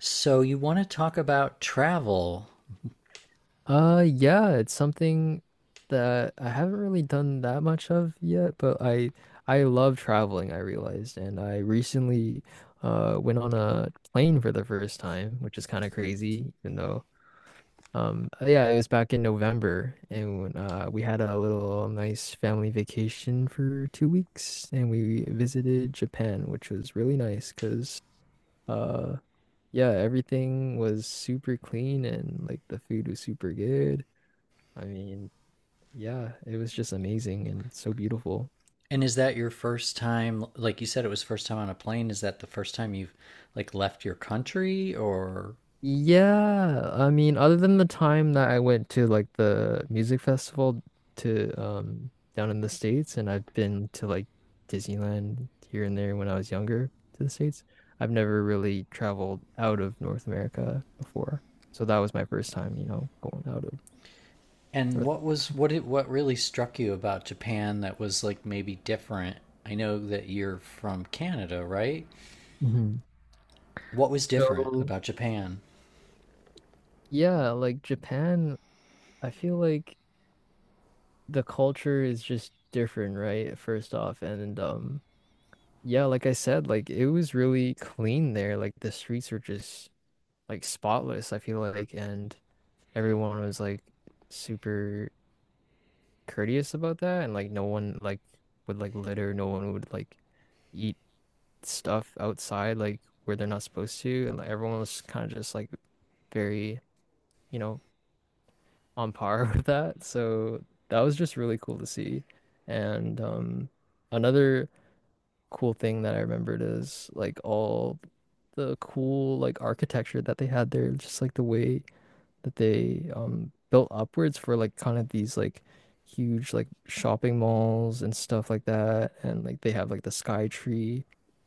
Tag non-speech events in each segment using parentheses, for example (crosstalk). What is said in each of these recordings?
So you want to talk about travel. Yeah, it's something that I haven't really done that much of yet, but I love traveling, I realized, and I recently went on a plane for the first time, which is kind of crazy, even though yeah, it was back in November, and when, we had a little nice family vacation for 2 weeks, and we visited Japan, which was really nice because uh yeah, everything was super clean and like the food was super good. I mean, yeah, it was just amazing and so beautiful. And is that your first time, like you said it was first time on a plane, is that the first time you've like left your country? Or Yeah, I mean, other than the time that I went to like the music festival to down in the States, and I've been to like Disneyland here and there when I was younger to the States, I've never really traveled out of North America before. So that was my first time, you know, going out of and North. what was what it what really struck you about Japan that was like maybe different? I know that you're from Canada, right? Mhm. What was different So about Japan? yeah, like Japan, I feel like the culture is just different, right? First off, and yeah, like I said, like it was really clean there. Like the streets were just like spotless, I feel like, and everyone was like super courteous about that and like no one like would like litter, no one would like eat stuff outside like where they're not supposed to and like everyone was kind of just like very, you know, on par (laughs) with that. So that was just really cool to see. And another cool thing that I remembered is like all the cool like architecture that they had there, just like the way that they built upwards for like kind of these like huge like shopping malls and stuff like that. And like they have like the Sky Tree.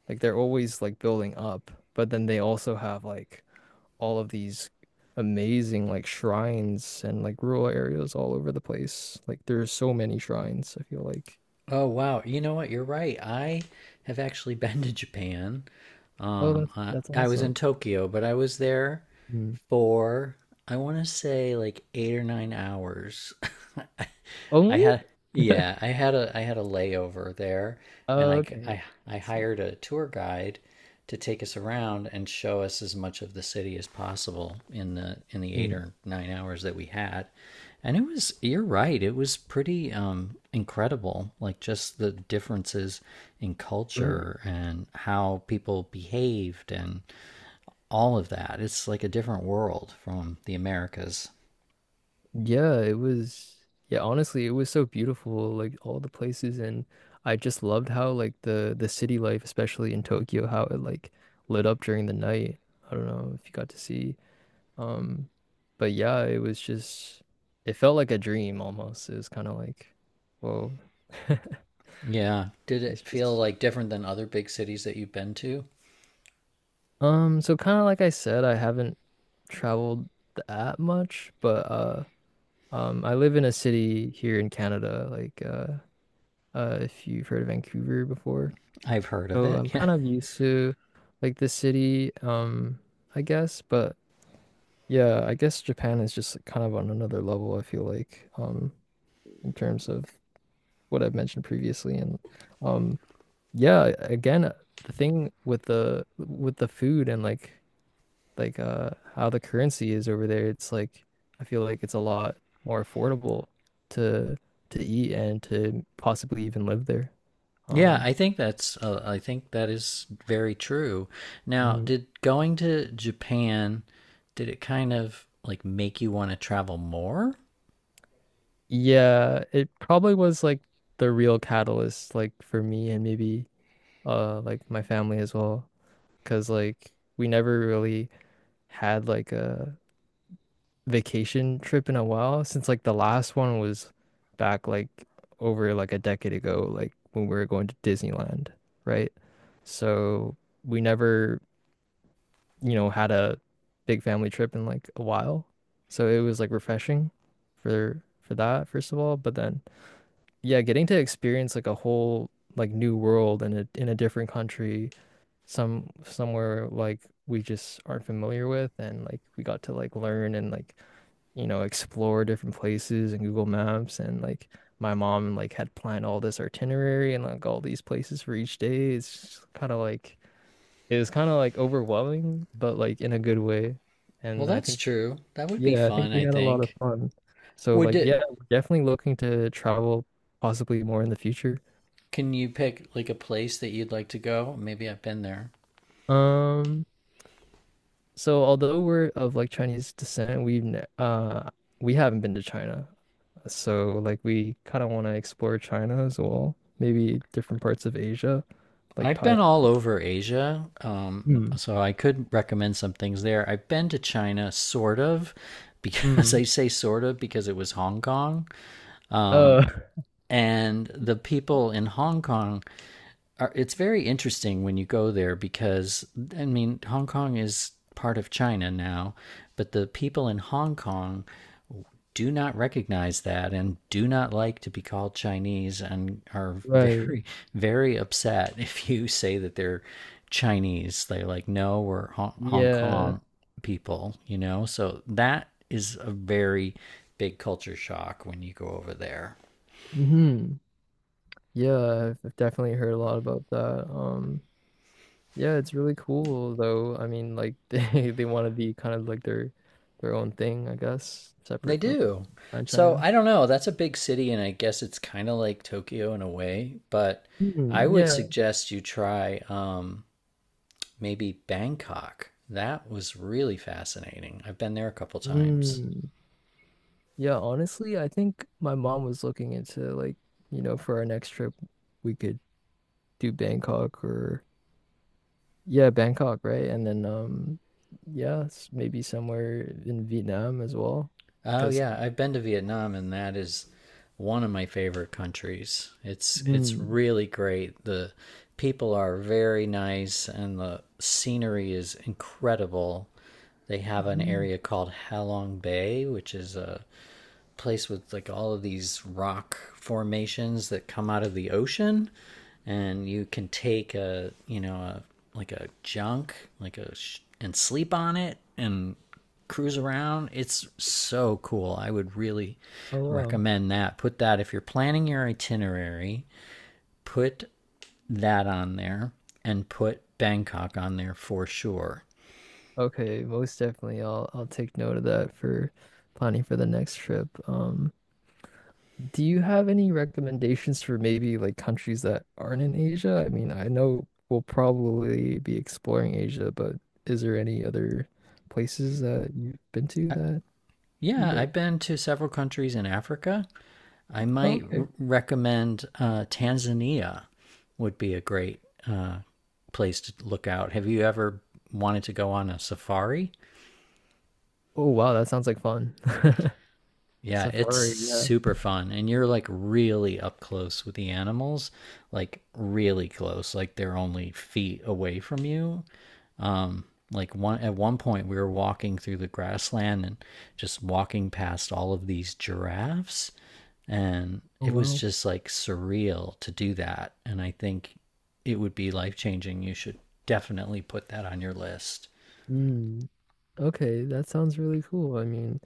Like they're always like building up, but then they also have like all of these amazing like shrines and like rural areas all over the place. Like there's so many shrines, I feel like. Oh wow, you know what? You're right. I have actually (laughs) been to Japan. Oh, Um, that's I, that's I was in awesome. Tokyo, but I was there Mm. for, I want to say, like 8 or 9 hours. (laughs) I Only? had yeah, (laughs) I had a layover there, and Oh, I g- okay. I I See. hired a tour guide to take us around and show us as much of the city as possible in the eight Mm. or nine hours that we had. And it was, you're right, it was pretty incredible. Like just the differences in Right. culture and how people behaved and all of that. It's like a different world from the Americas. Yeah, it was yeah, honestly, it was so beautiful, like all the places and I just loved how like the city life, especially in Tokyo, how it like lit up during the night. I don't know if you got to see. Um, but yeah, it was just it felt like a dream almost. It was kind of like, whoa. (laughs) Yeah. Did It's it feel just like different than other big cities that you've been to? So kind of like I said, I haven't traveled that much, but I live in a city here in Canada, like if you've heard of Vancouver before. I've heard of So it. I'm (laughs) Yeah. kind of used to like the city, I guess. But yeah, I guess Japan is just like, kind of on another level, I feel like, in terms of what I've mentioned previously. And um, yeah, again, the thing with the food and like how the currency is over there. It's like I feel like it's a lot more affordable to to eat and to possibly even live there. Yeah, Um. I think that's I think that is very true. Now, Mhm. did going to Japan, did it kind of like make you want to travel more? Yeah, it probably was like the real catalyst like for me and maybe like my family as well because like we never really had like a vacation trip in a while since like the last one was back like over like a decade ago, like when we were going to Disneyland, right? So we never, you know, had a big family trip in like a while. So it was like refreshing for that first of all, but then yeah, getting to experience like a whole like new world and a in a different country somewhere like we just aren't familiar with and like we got to like learn and like you know explore different places and Google Maps and like my mom like had planned all this itinerary and like all these places for each day it's kind of like it was kind of like overwhelming but like in a good way Well, and I that's think true. That would be yeah I think fun, we I had a lot of think. fun so Would like it? yeah we're definitely looking to travel possibly more in the future. Can you pick like a place that you'd like to go? Maybe I've been there. um So although we're of like Chinese descent, we haven't been to China. So like we kind of want to explore China as well. Maybe different parts of Asia, like I've Thailand. been all over Asia, Hmm. so I could recommend some things there. I've been to China, sort of, because (laughs) I Hmm. say sort of because it was Hong Kong. Um, Oh, and the people in Hong Kong are, it's very interesting when you go there because, I mean, Hong Kong is part of China now, but the people in Hong Kong do not recognize that and do not like to be called Chinese and are (laughs) (laughs) right. very upset if you say that they're Chinese. They're like, no, we're Hong Yeah. Kong people, you know? So that is a very big culture shock when you go over there. Hmm. Yeah, I've definitely heard a lot about that. Yeah, it's really cool though. I mean, like (laughs) they want to be kind of like their own thing, I guess, They separate from do. So China. I don't know. That's a big city, and I guess it's kind of like Tokyo in a way, but I Hmm, would yeah. suggest you try maybe Bangkok. That was really fascinating. I've been there a couple times. Hmm. Yeah, honestly, I think my mom was looking into like, you know, for our next trip, we could do Bangkok or yeah, Bangkok, right? And then yeah, maybe somewhere in Vietnam as well Oh because yeah, like I've been to Vietnam and that is one of my favorite countries. It's mm, really great. The people are very nice and the scenery is incredible. They have an mm. area called Halong Bay, which is a place with like all of these rock formations that come out of the ocean, and you can take a, you know, a like a junk, and sleep on it and cruise around. It's so cool. I would really Oh wow. recommend that. Put that, if you're planning your itinerary, put that on there, and put Bangkok on there for sure. Okay, most definitely. I'll take note of that for planning for the next trip. Do you have any recommendations for maybe like countries that aren't in Asia? I mean, I know we'll probably be exploring Asia, but is there any other places that you've been to Uh, that you yeah, like? I've been to several countries in Africa. I Oh, might okay. recommend Tanzania would be a great uh, place to look out. Have you ever wanted to go on a safari? Oh, wow, that sounds like fun. (laughs) Yeah, it's Safari, yeah. super fun, and you're like really up close with the animals, like really close, like they're only feet away from you. Like one at one point, we were walking through the grassland and just walking past all of these giraffes. And Oh, it was wow. just like surreal to do that. And I think it would be life changing. You should definitely put that on your list. Mm. Okay, that sounds really cool. I mean,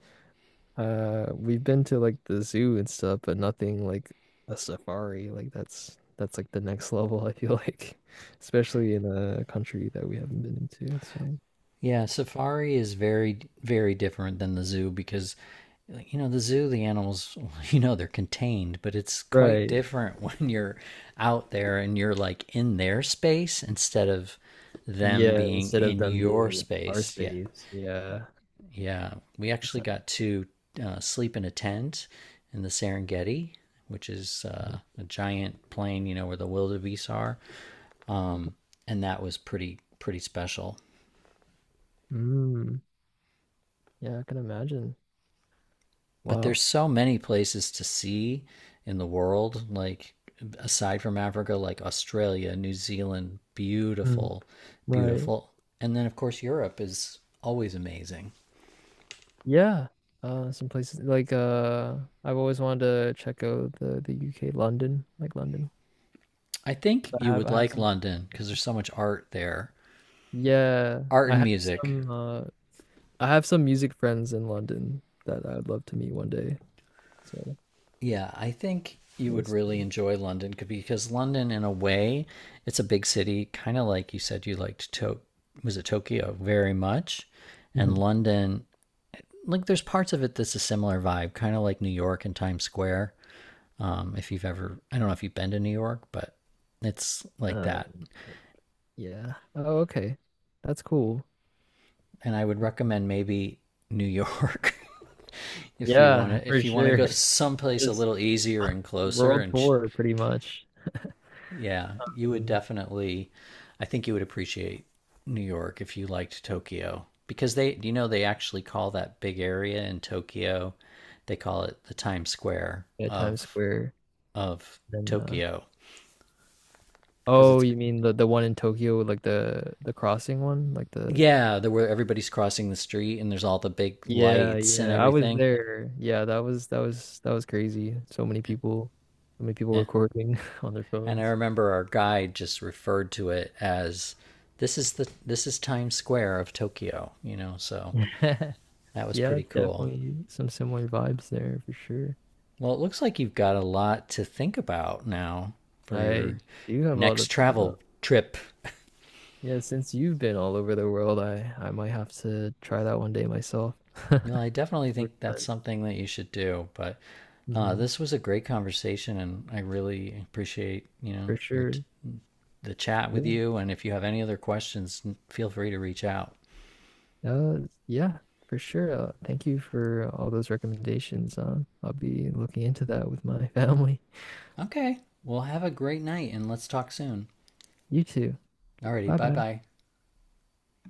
We've been to like the zoo and stuff, but nothing like a safari. Like that's like the next (laughs) level, I feel like, (laughs) especially in a country that we haven't been into. So, Yeah, safari is very different than the zoo because, like, you know, the zoo, the animals, (laughs) you know, they're contained, but it's quite right. different (laughs) when you're out there and you're like in their space instead of them Yeah, being instead of in them being your in our space. Yeah. space. Yeah. Yeah, we actually Percent. got to sleep in a tent in the Serengeti, which is a giant plain, you know, where the wildebeest are, and that was pretty special. Mm, yeah, I can imagine. But Wow. there's so many places to see in the world, like aside from Africa, like Australia, New Zealand, Mm, beautiful, right. beautiful. And then of course Europe is always amazing. Yeah. Some places like I've always wanted to check out the UK, London, like London. I think you would I have like some. London because there's so much art there. Yeah, Art and music. I have some music friends in London that I'd love to meet one day. So Yeah, I think you would always really do. enjoy London because London, in a way, it's a big city, kind of like you said you liked to, was it Tokyo, very much, and Mhm. (laughs) London, like there's parts of it that's a similar vibe, kind of like New York and Times Square. If you've ever, I don't know if you've been to New York, but it's like Um, that. yeah. Oh, okay. That's cool. And I would recommend maybe New York (laughs) if you want Yeah, to for if you want to sure. go (laughs) someplace a Just little easier and closer world and tour pretty much. Yeah, you would Um, definitely. I think you would appreciate New York if you liked Tokyo because they, you know, they actually call that big area in Tokyo, they call it the Times Square yeah, Times Square. of Then Tokyo because oh, it's, you mean the one in Tokyo, like the crossing one, like the yeah, there where everybody's crossing the street and there's all the big Yeah, lights and yeah. I was everything. there. Yeah, that was crazy. So many people And recording (laughs) on their and I phones. remember our guide just referred to it as, this is the, this is Times Square of Tokyo, you know, so (laughs) that was Yeah, pretty it's cool. definitely some similar vibes there for sure. Well, it looks like you've got a lot to think about now for I your do have a lot to next think travel about. trip. Yeah, since you've been all over the world, I might have to try that one day myself. (laughs) You know, I definitely For think that's time, something that you should do. But hmm. this was a great conversation, and I really appreciate, you know, For your sure. the chat with Yeah. you. And if you have any other questions, feel free to reach out. Uh, yeah, for sure. Thank you for all those recommendations. I'll be looking into that with my (laughs) family. Okay, well, have a great night, and let's talk soon. You too. Alrighty, Bye bye bye. bye.